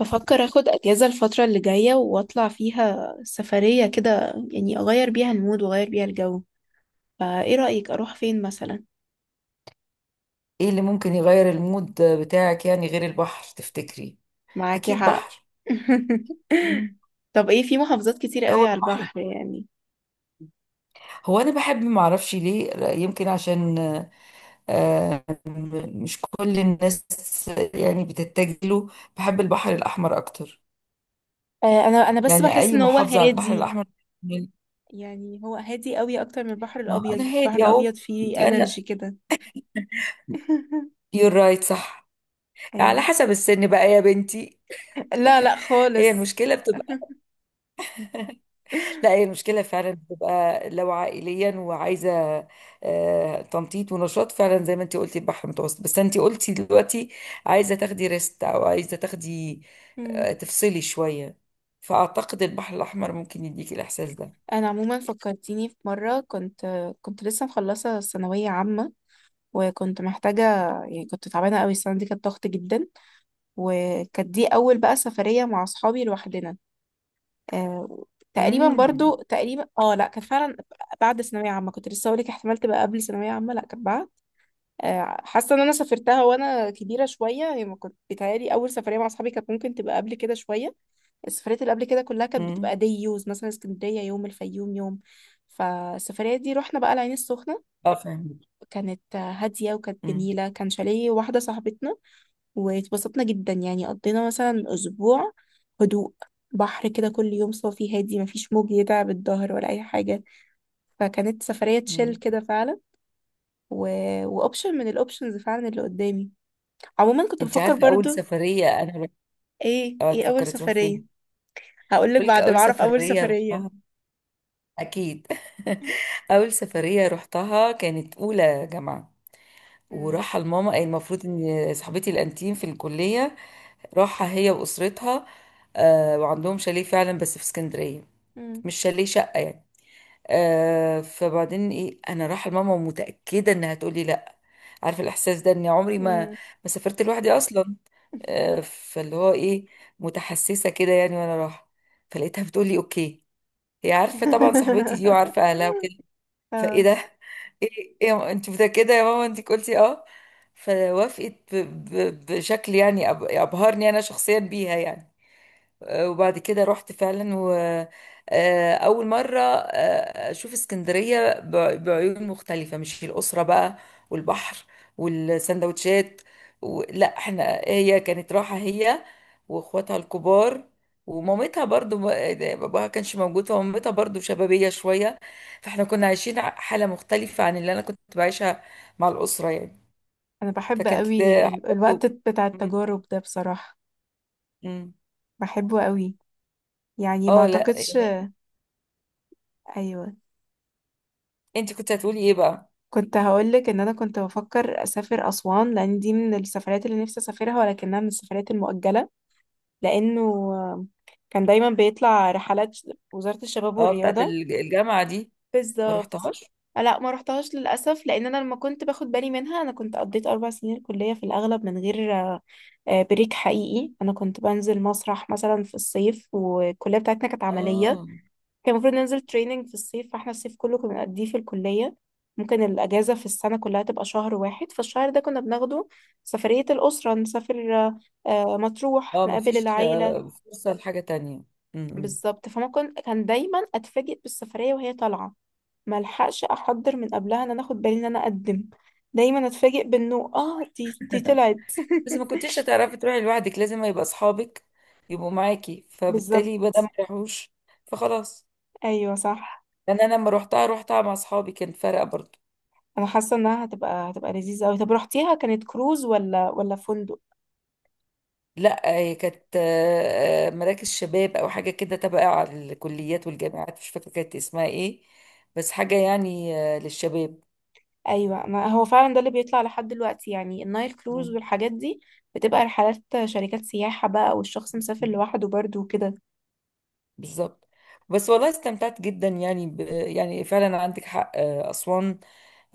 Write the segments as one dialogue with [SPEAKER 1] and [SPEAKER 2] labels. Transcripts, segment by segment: [SPEAKER 1] بفكر اخد اجازة الفترة اللي جاية واطلع فيها سفرية كده، يعني اغير بيها المود واغير بيها الجو. فايه رأيك اروح فين مثلا؟
[SPEAKER 2] ايه اللي ممكن يغير المود بتاعك؟ يعني غير البحر تفتكري؟
[SPEAKER 1] معاكي
[SPEAKER 2] اكيد
[SPEAKER 1] حق.
[SPEAKER 2] بحر. مم.
[SPEAKER 1] طب ايه، في محافظات كتير
[SPEAKER 2] هو
[SPEAKER 1] قوي على
[SPEAKER 2] البحر،
[SPEAKER 1] البحر يعني.
[SPEAKER 2] هو انا بحب، ما اعرفش ليه، يمكن عشان آه، مش كل الناس يعني بتتجه له. بحب البحر الاحمر اكتر،
[SPEAKER 1] آه، انا بس
[SPEAKER 2] يعني
[SPEAKER 1] بحس
[SPEAKER 2] اي
[SPEAKER 1] ان هو
[SPEAKER 2] محافظه على البحر
[SPEAKER 1] هادي.
[SPEAKER 2] الاحمر.
[SPEAKER 1] يعني هو هادي قوي اكتر من البحر
[SPEAKER 2] ما
[SPEAKER 1] الابيض.
[SPEAKER 2] انا
[SPEAKER 1] البحر
[SPEAKER 2] هادي اهو،
[SPEAKER 1] الابيض فيه
[SPEAKER 2] انا.
[SPEAKER 1] انرجي كده.
[SPEAKER 2] يور رايت، صح. على
[SPEAKER 1] ايوه.
[SPEAKER 2] حسب السن بقى يا بنتي.
[SPEAKER 1] لا لا
[SPEAKER 2] هي
[SPEAKER 1] خالص.
[SPEAKER 2] المشكله. لا، هي المشكلة فعلا بتبقى لو عائليا وعايزة تنطيط ونشاط، فعلا زي ما انت قلتي البحر المتوسط، بس انت قلتي دلوقتي عايزة تاخدي ريست، او عايزة تاخدي
[SPEAKER 1] مم.
[SPEAKER 2] تفصلي شوية. فأعتقد البحر الأحمر ممكن يديكي الإحساس ده.
[SPEAKER 1] انا عموما فكرتيني في مره، كنت لسه مخلصه ثانويه عامه، وكنت محتاجة، يعني كنت تعبانة قوي، السنة دي كانت ضغط جدا، وكانت دي أول بقى سفرية مع أصحابي لوحدنا. آه تقريبا
[SPEAKER 2] امم
[SPEAKER 1] برضو تقريبا، اه لا كانت فعلا بعد ثانوية عامة. كنت لسه هقولك احتمال تبقى قبل ثانوية عامة، لا كانت بعد. حاسة ان انا سافرتها وانا كبيرة شوية، يعني ما كنت بيتهيألي اول سفرية مع اصحابي كانت ممكن تبقى قبل كده شوية. السفريات اللي قبل كده كلها كانت
[SPEAKER 2] امم
[SPEAKER 1] بتبقى دي يوز، مثلا اسكندرية يوم، الفيوم يوم. فالسفرية دي رحنا بقى العين السخنة،
[SPEAKER 2] اه فاهمك.
[SPEAKER 1] كانت هادية وكانت
[SPEAKER 2] امم
[SPEAKER 1] جميلة، كان شاليه واحدة صاحبتنا، واتبسطنا جدا. يعني قضينا مثلا أسبوع هدوء، بحر كده كل يوم صافي هادي، مفيش موج يتعب الظهر ولا أي حاجة. فكانت سفرية تشيل
[SPEAKER 2] امم.
[SPEAKER 1] كده فعلا، و... وأوبشن من الأوبشنز فعلا اللي قدامي. عموما كنت
[SPEAKER 2] انت
[SPEAKER 1] بفكر
[SPEAKER 2] عارفة أول
[SPEAKER 1] برضو.
[SPEAKER 2] سفرية أنا رحت-
[SPEAKER 1] إيه
[SPEAKER 2] اه
[SPEAKER 1] إيه أول
[SPEAKER 2] تفكري تروح
[SPEAKER 1] سفرية؟
[SPEAKER 2] فين؟
[SPEAKER 1] هقولك
[SPEAKER 2] بقولك
[SPEAKER 1] بعد ما
[SPEAKER 2] أول
[SPEAKER 1] أعرف أول
[SPEAKER 2] سفرية
[SPEAKER 1] سفرية.
[SPEAKER 2] رحتها، أكيد. أول سفرية رحتها كانت أولى جامعة،
[SPEAKER 1] مم.
[SPEAKER 2] وراحة لماما. المفروض ان صاحبتي الانتيم في الكلية راحة هي واسرتها، وعندهم شاليه فعلا بس في اسكندرية.
[SPEAKER 1] مم.
[SPEAKER 2] مش شاليه، شقة يعني. فبعدين ايه، انا رايحة لماما ومتأكدة انها تقولي لا، عارفة الاحساس ده، اني عمري ما
[SPEAKER 1] مم.
[SPEAKER 2] سافرت لوحدي اصلا. فاللي هو ايه، متحسسة كده يعني وانا رايحة. فلقيتها بتقولي اوكي، هي عارفة طبعا صاحبتي دي، وعارفة اهلها وكده. فايه
[SPEAKER 1] اه.
[SPEAKER 2] ده؟ ايه ايه انت متأكدة يا ماما؟ انت قلتي اه؟ فوافقت بشكل يعني ابهرني انا شخصيا بيها يعني. وبعد كده رحت فعلا، وأول مرة أشوف اسكندرية بعيون مختلفة، مش الأسرة بقى، والبحر والسندوتشات لا، احنا هي كانت راحة هي وإخواتها الكبار ومامتها، برضو باباها كانش موجود، فمامتها برضو شبابية شوية. فاحنا كنا عايشين حالة مختلفة عن اللي أنا كنت بعيشها مع الأسرة يعني.
[SPEAKER 1] انا بحب
[SPEAKER 2] فكانت
[SPEAKER 1] قوي الوقت
[SPEAKER 2] برضو
[SPEAKER 1] بتاع
[SPEAKER 2] م-
[SPEAKER 1] التجارب ده بصراحة،
[SPEAKER 2] م.
[SPEAKER 1] بحبه قوي. يعني ما
[SPEAKER 2] اه لا
[SPEAKER 1] اعتقدش.
[SPEAKER 2] يعني.
[SPEAKER 1] ايوه
[SPEAKER 2] انت كنت هتقولي ايه بقى؟
[SPEAKER 1] كنت هقولك ان انا كنت بفكر اسافر اسوان، لان دي من السفرات اللي نفسي اسافرها، ولكنها من السفرات المؤجله. لانه كان دايما بيطلع رحلات وزاره الشباب
[SPEAKER 2] اه، بتاعت
[SPEAKER 1] والرياضه.
[SPEAKER 2] الجامعة دي؟ ما
[SPEAKER 1] بالظبط.
[SPEAKER 2] رحتهاش،
[SPEAKER 1] لا ما رحتهاش للاسف، لان انا لما كنت باخد بالي منها انا كنت قضيت اربع سنين الكليه في الاغلب من غير بريك حقيقي. انا كنت بنزل مسرح مثلا في الصيف، والكليه بتاعتنا كانت عمليه،
[SPEAKER 2] اه
[SPEAKER 1] كان المفروض ننزل تريننج في الصيف، فاحنا الصيف كله كنا بنقضيه في الكلية. ممكن الأجازة في السنة كلها تبقى شهر واحد، فالشهر ده كنا بناخده سفرية الأسرة نسافر مطروح،
[SPEAKER 2] اه. ما
[SPEAKER 1] نقابل
[SPEAKER 2] فيش
[SPEAKER 1] العيلة.
[SPEAKER 2] فرصة لحاجة تانية. م-م.
[SPEAKER 1] بالظبط، فما كنت، كان دايما أتفاجئ بالسفرية وهي طالعة، ملحقش أحضر من قبلها إن أنا أخد بالي إن أنا أقدم. دايما أتفاجئ بإنه دي طلعت.
[SPEAKER 2] بس ما كنتيش هتعرفي تروحي لوحدك، لازم يبقى اصحابك يبقوا معاكي،
[SPEAKER 1] بالظبط.
[SPEAKER 2] فبالتالي بدل ما يروحوش فخلاص.
[SPEAKER 1] أيوه صح.
[SPEAKER 2] يعني انا لما روحتها، روحتها مع اصحابي، كان فرق برضو.
[SPEAKER 1] أنا حاسة إنها هتبقى لذيذة أوي. طب رحتيها، كانت كروز ولا فندق؟
[SPEAKER 2] لا، هي كانت مراكز شباب او حاجه كده تبع على الكليات والجامعات، مش فاكره كانت اسمها ايه، بس حاجه يعني للشباب.
[SPEAKER 1] ايوه، ما هو فعلا ده اللي بيطلع لحد دلوقتي، يعني النايل كروز والحاجات دي بتبقى رحلات شركات سياحة بقى، والشخص مسافر
[SPEAKER 2] مم.
[SPEAKER 1] لوحده برضه وكده.
[SPEAKER 2] بالظبط. بس والله استمتعت جدا، يعني يعني فعلا عندك حق. أسوان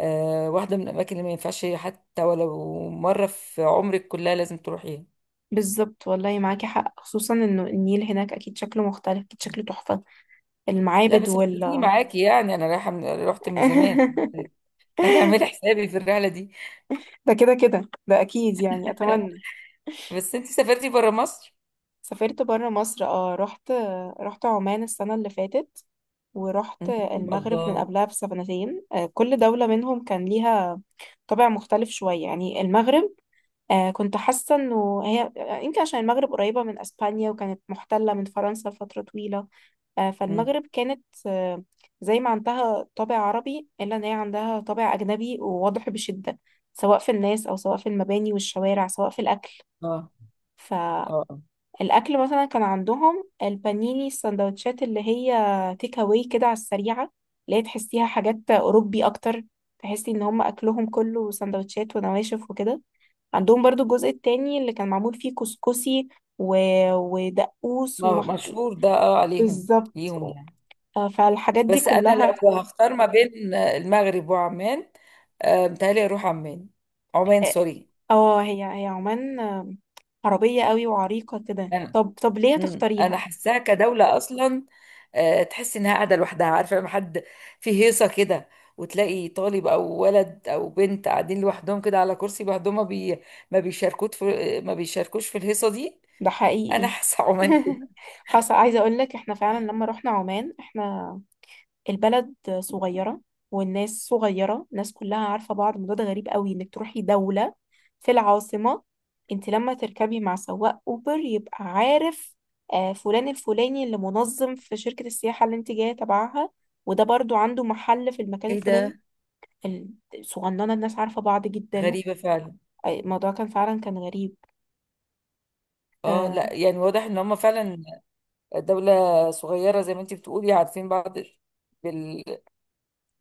[SPEAKER 2] واحدة من الأماكن اللي ما ينفعش، حتى ولو مرة في عمرك كلها لازم تروحيها.
[SPEAKER 1] بالظبط والله، معاكي حق، خصوصا انه النيل هناك اكيد شكله مختلف، اكيد شكله تحفة،
[SPEAKER 2] لا
[SPEAKER 1] المعابد
[SPEAKER 2] بس هتديني
[SPEAKER 1] وال
[SPEAKER 2] معاكي، يعني أنا رايحة رحت من زمان. أنا عاملة حسابي في الرحلة دي.
[SPEAKER 1] ده كده كده ده اكيد يعني، اتمنى.
[SPEAKER 2] بس أنت سافرتي برا مصر؟
[SPEAKER 1] سافرت بره مصر اه، رحت، رحت عمان السنة اللي فاتت، ورحت
[SPEAKER 2] مم.
[SPEAKER 1] المغرب من
[SPEAKER 2] الله.
[SPEAKER 1] قبلها بسنتين. كل دولة منهم كان ليها طابع مختلف شوية يعني. المغرب، كنت حاسة انه هي، يمكن عشان المغرب قريبة من اسبانيا، وكانت محتلة من فرنسا لفترة طويلة.
[SPEAKER 2] مم.
[SPEAKER 1] فالمغرب كانت، زي ما عندها طابع عربي الا ان هي عندها طابع اجنبي وواضح بشدة، سواء في الناس او سواء في المباني والشوارع، سواء في الاكل.
[SPEAKER 2] اه
[SPEAKER 1] فالاكل
[SPEAKER 2] اه.
[SPEAKER 1] مثلا كان عندهم البانيني، السندوتشات اللي هي تيك اواي كده على السريعة، اللي هي تحسيها حاجات اوروبي اكتر. تحسي ان هم اكلهم كله سندوتشات ونواشف وكده. عندهم برضو الجزء التاني اللي كان معمول فيه كسكسي، و... ودقوس
[SPEAKER 2] آه، مشهور ده، اه، عليهم
[SPEAKER 1] بالظبط.
[SPEAKER 2] ليهم يعني.
[SPEAKER 1] فالحاجات دي
[SPEAKER 2] بس انا
[SPEAKER 1] كلها.
[SPEAKER 2] لو هختار ما بين المغرب وعمان، متهيألي اروح عمان. عمان
[SPEAKER 1] اه.
[SPEAKER 2] سوري،
[SPEAKER 1] آه، هي عمان، عربية قوي وعريقة كده.
[SPEAKER 2] انا.
[SPEAKER 1] طب طب ليه
[SPEAKER 2] انا
[SPEAKER 1] تختاريها؟
[SPEAKER 2] حاساها كدولة اصلا، تحس انها قاعدة لوحدها. عارفة لما حد في هيصة كده، وتلاقي طالب او ولد او بنت قاعدين لوحدهم كده على كرسي لوحدهم، ما بيشاركوش في الهيصة دي.
[SPEAKER 1] ده
[SPEAKER 2] انا
[SPEAKER 1] حقيقي.
[SPEAKER 2] حاسة عمان كده.
[SPEAKER 1] حصل، عايزة اقول لك احنا فعلا لما رحنا عمان، احنا، البلد صغيرة، والناس صغيرة، الناس كلها عارفة بعض. الموضوع ده غريب قوي، انك تروحي دولة، في العاصمة، انت لما تركبي مع سواق اوبر يبقى عارف فلان الفلاني اللي منظم في شركة السياحة اللي انت جاية تبعها، وده برضو عنده محل في المكان
[SPEAKER 2] ايه
[SPEAKER 1] الفلاني.
[SPEAKER 2] ده؟
[SPEAKER 1] الصغننة، الناس عارفة بعض جدا.
[SPEAKER 2] غريبة فعلا.
[SPEAKER 1] الموضوع كان فعلا كان غريب.
[SPEAKER 2] اه
[SPEAKER 1] اه.
[SPEAKER 2] لا يعني واضح ان هم فعلا دولة صغيرة زي ما انت بتقولي، عارفين بعض.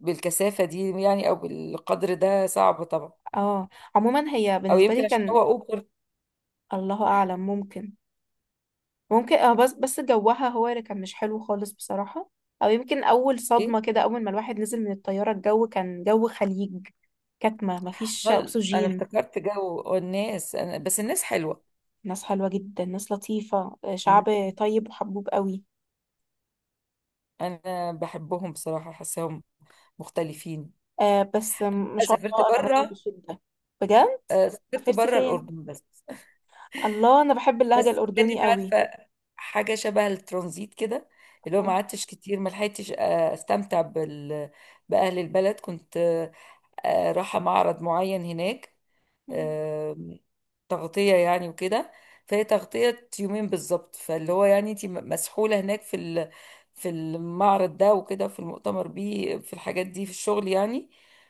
[SPEAKER 2] بالكثافة دي يعني أو بالقدر ده صعب طبعا.
[SPEAKER 1] آه. عموما هي
[SPEAKER 2] أو
[SPEAKER 1] بالنسبة لي
[SPEAKER 2] يمكن عشان هو
[SPEAKER 1] كان،
[SPEAKER 2] أوبر.
[SPEAKER 1] الله أعلم، ممكن. ممكن اه، بس جوها هو اللي كان مش حلو خالص بصراحة. او يمكن اول
[SPEAKER 2] إيه؟
[SPEAKER 1] صدمة كده، اول ما الواحد نزل من الطيارة، الجو كان جو خليج، كتمة مفيش
[SPEAKER 2] ضل أنا
[SPEAKER 1] اكسجين.
[SPEAKER 2] افتكرت جو الناس، أنا بس الناس حلوة.
[SPEAKER 1] ناس حلوة جدا، ناس لطيفة،
[SPEAKER 2] مم.
[SPEAKER 1] شعب طيب وحبوب قوي.
[SPEAKER 2] أنا بحبهم بصراحة، حاساهم مختلفين.
[SPEAKER 1] بس
[SPEAKER 2] أنا
[SPEAKER 1] ما
[SPEAKER 2] بقى
[SPEAKER 1] شاء
[SPEAKER 2] سافرت
[SPEAKER 1] الله اغنياء
[SPEAKER 2] بره،
[SPEAKER 1] بشدة، بجد.
[SPEAKER 2] سافرت
[SPEAKER 1] سافرتي
[SPEAKER 2] بره
[SPEAKER 1] فين؟
[SPEAKER 2] الأردن بس.
[SPEAKER 1] الله، انا بحب اللهجة
[SPEAKER 2] بس
[SPEAKER 1] الاردني
[SPEAKER 2] كانت
[SPEAKER 1] قوي.
[SPEAKER 2] عارفة حاجة شبه الترانزيت كده، اللي هو ما قعدتش كتير، ما لحقتش استمتع بأهل البلد. كنت رايحة معرض معين هناك، آم، تغطية يعني وكده. فهي تغطية يومين بالظبط، فاللي هو يعني انت مسحولة هناك في المعرض ده وكده، في المؤتمر بيه، في الحاجات دي، في الشغل يعني.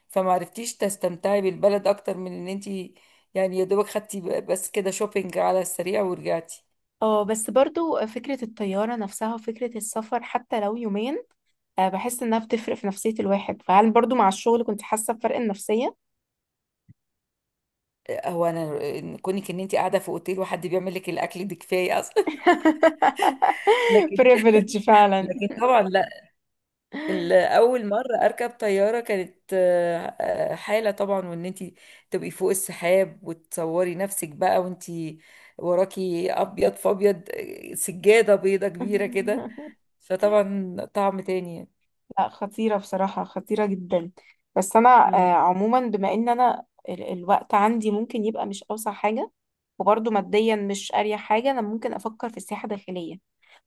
[SPEAKER 2] فمعرفتيش تستمتعي بالبلد اكتر من ان انت يعني يا دوبك خدتي بس كده شوبينج على السريع ورجعتي.
[SPEAKER 1] اه بس برضو فكرة الطيارة نفسها وفكرة السفر حتى لو يومين، بحس انها بتفرق في نفسية الواحد. فهل برضو مع الشغل كنت حاسة بفرق النفسية؟
[SPEAKER 2] هو انا كونك ان انت قاعده في اوتيل وحد بيعمل لك الاكل دي كفايه اصلا. لكن،
[SPEAKER 1] privilege فعلا.
[SPEAKER 2] لكن طبعا لا، اول مره اركب طياره كانت حاله طبعا، وان انت تبقي فوق السحاب وتصوري نفسك بقى، وانت وراكي ابيض في ابيض، سجاده بيضه كبيره كده. فطبعا طعم تاني يعني.
[SPEAKER 1] لا خطيرة بصراحة، خطيرة جدا. بس انا
[SPEAKER 2] مم.
[SPEAKER 1] عموما، بما ان انا الوقت عندي ممكن يبقى مش اوسع حاجة، وبرضو ماديا مش اريح حاجة، انا ممكن افكر في السياحة الداخلية.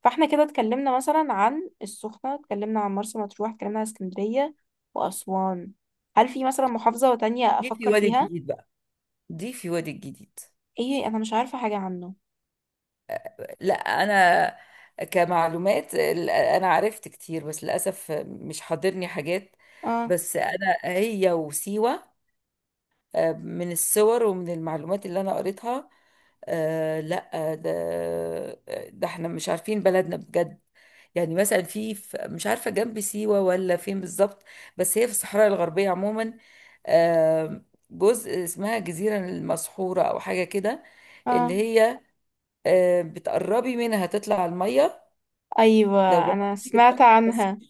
[SPEAKER 1] فاحنا كده اتكلمنا مثلا عن السخنة، اتكلمنا عن مرسى مطروح، اتكلمنا عن اسكندرية واسوان. هل في مثلا محافظة تانية
[SPEAKER 2] دي في
[SPEAKER 1] افكر
[SPEAKER 2] وادي
[SPEAKER 1] فيها؟
[SPEAKER 2] الجديد بقى، دي في وادي الجديد.
[SPEAKER 1] ايه، انا مش عارفة حاجة عنه.
[SPEAKER 2] لا انا كمعلومات انا عرفت كتير، بس للاسف مش حاضرني حاجات.
[SPEAKER 1] اه
[SPEAKER 2] بس انا هي وسيوه، من الصور ومن المعلومات اللي انا قريتها. آه لا، ده، ده احنا مش عارفين بلدنا بجد. يعني مثلا في مش عارفة جنب سيوة ولا فين بالظبط، بس هي في الصحراء الغربية عموما. آه، جزء اسمها جزيرة المسحورة أو حاجة كده،
[SPEAKER 1] اه.
[SPEAKER 2] اللي هي آه بتقربي منها تطلع على المية. لو
[SPEAKER 1] ايوه انا
[SPEAKER 2] جربتي.
[SPEAKER 1] سمعت
[SPEAKER 2] بس
[SPEAKER 1] عنها.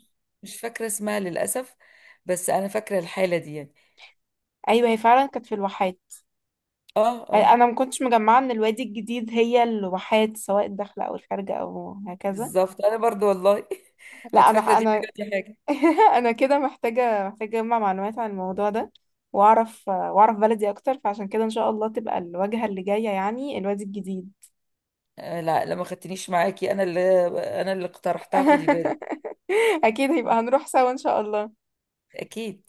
[SPEAKER 2] مش فاكرة اسمها للأسف، بس أنا فاكرة الحالة دي يعني.
[SPEAKER 1] ايوه هي فعلا كانت في الواحات.
[SPEAKER 2] اه اه.
[SPEAKER 1] انا ما كنتش مجمعة ان الوادي الجديد هي الواحات، سواء الداخلة او الخارجة او هكذا.
[SPEAKER 2] بالظبط، انا برضو والله
[SPEAKER 1] لا
[SPEAKER 2] كنت
[SPEAKER 1] انا
[SPEAKER 2] فاكره دي
[SPEAKER 1] انا
[SPEAKER 2] حاجه دي حاجه.
[SPEAKER 1] انا كده محتاجة محتاجة اجمع معلومات عن الموضوع ده، واعرف واعرف بلدي اكتر، فعشان كده ان شاء الله تبقى الواجهة اللي جاية يعني الوادي الجديد.
[SPEAKER 2] لا لا ما خدتنيش معاكي، انا اللي اقترحتها، خدي بالك.
[SPEAKER 1] اكيد، هيبقى هنروح سوا ان شاء الله.
[SPEAKER 2] اكيد.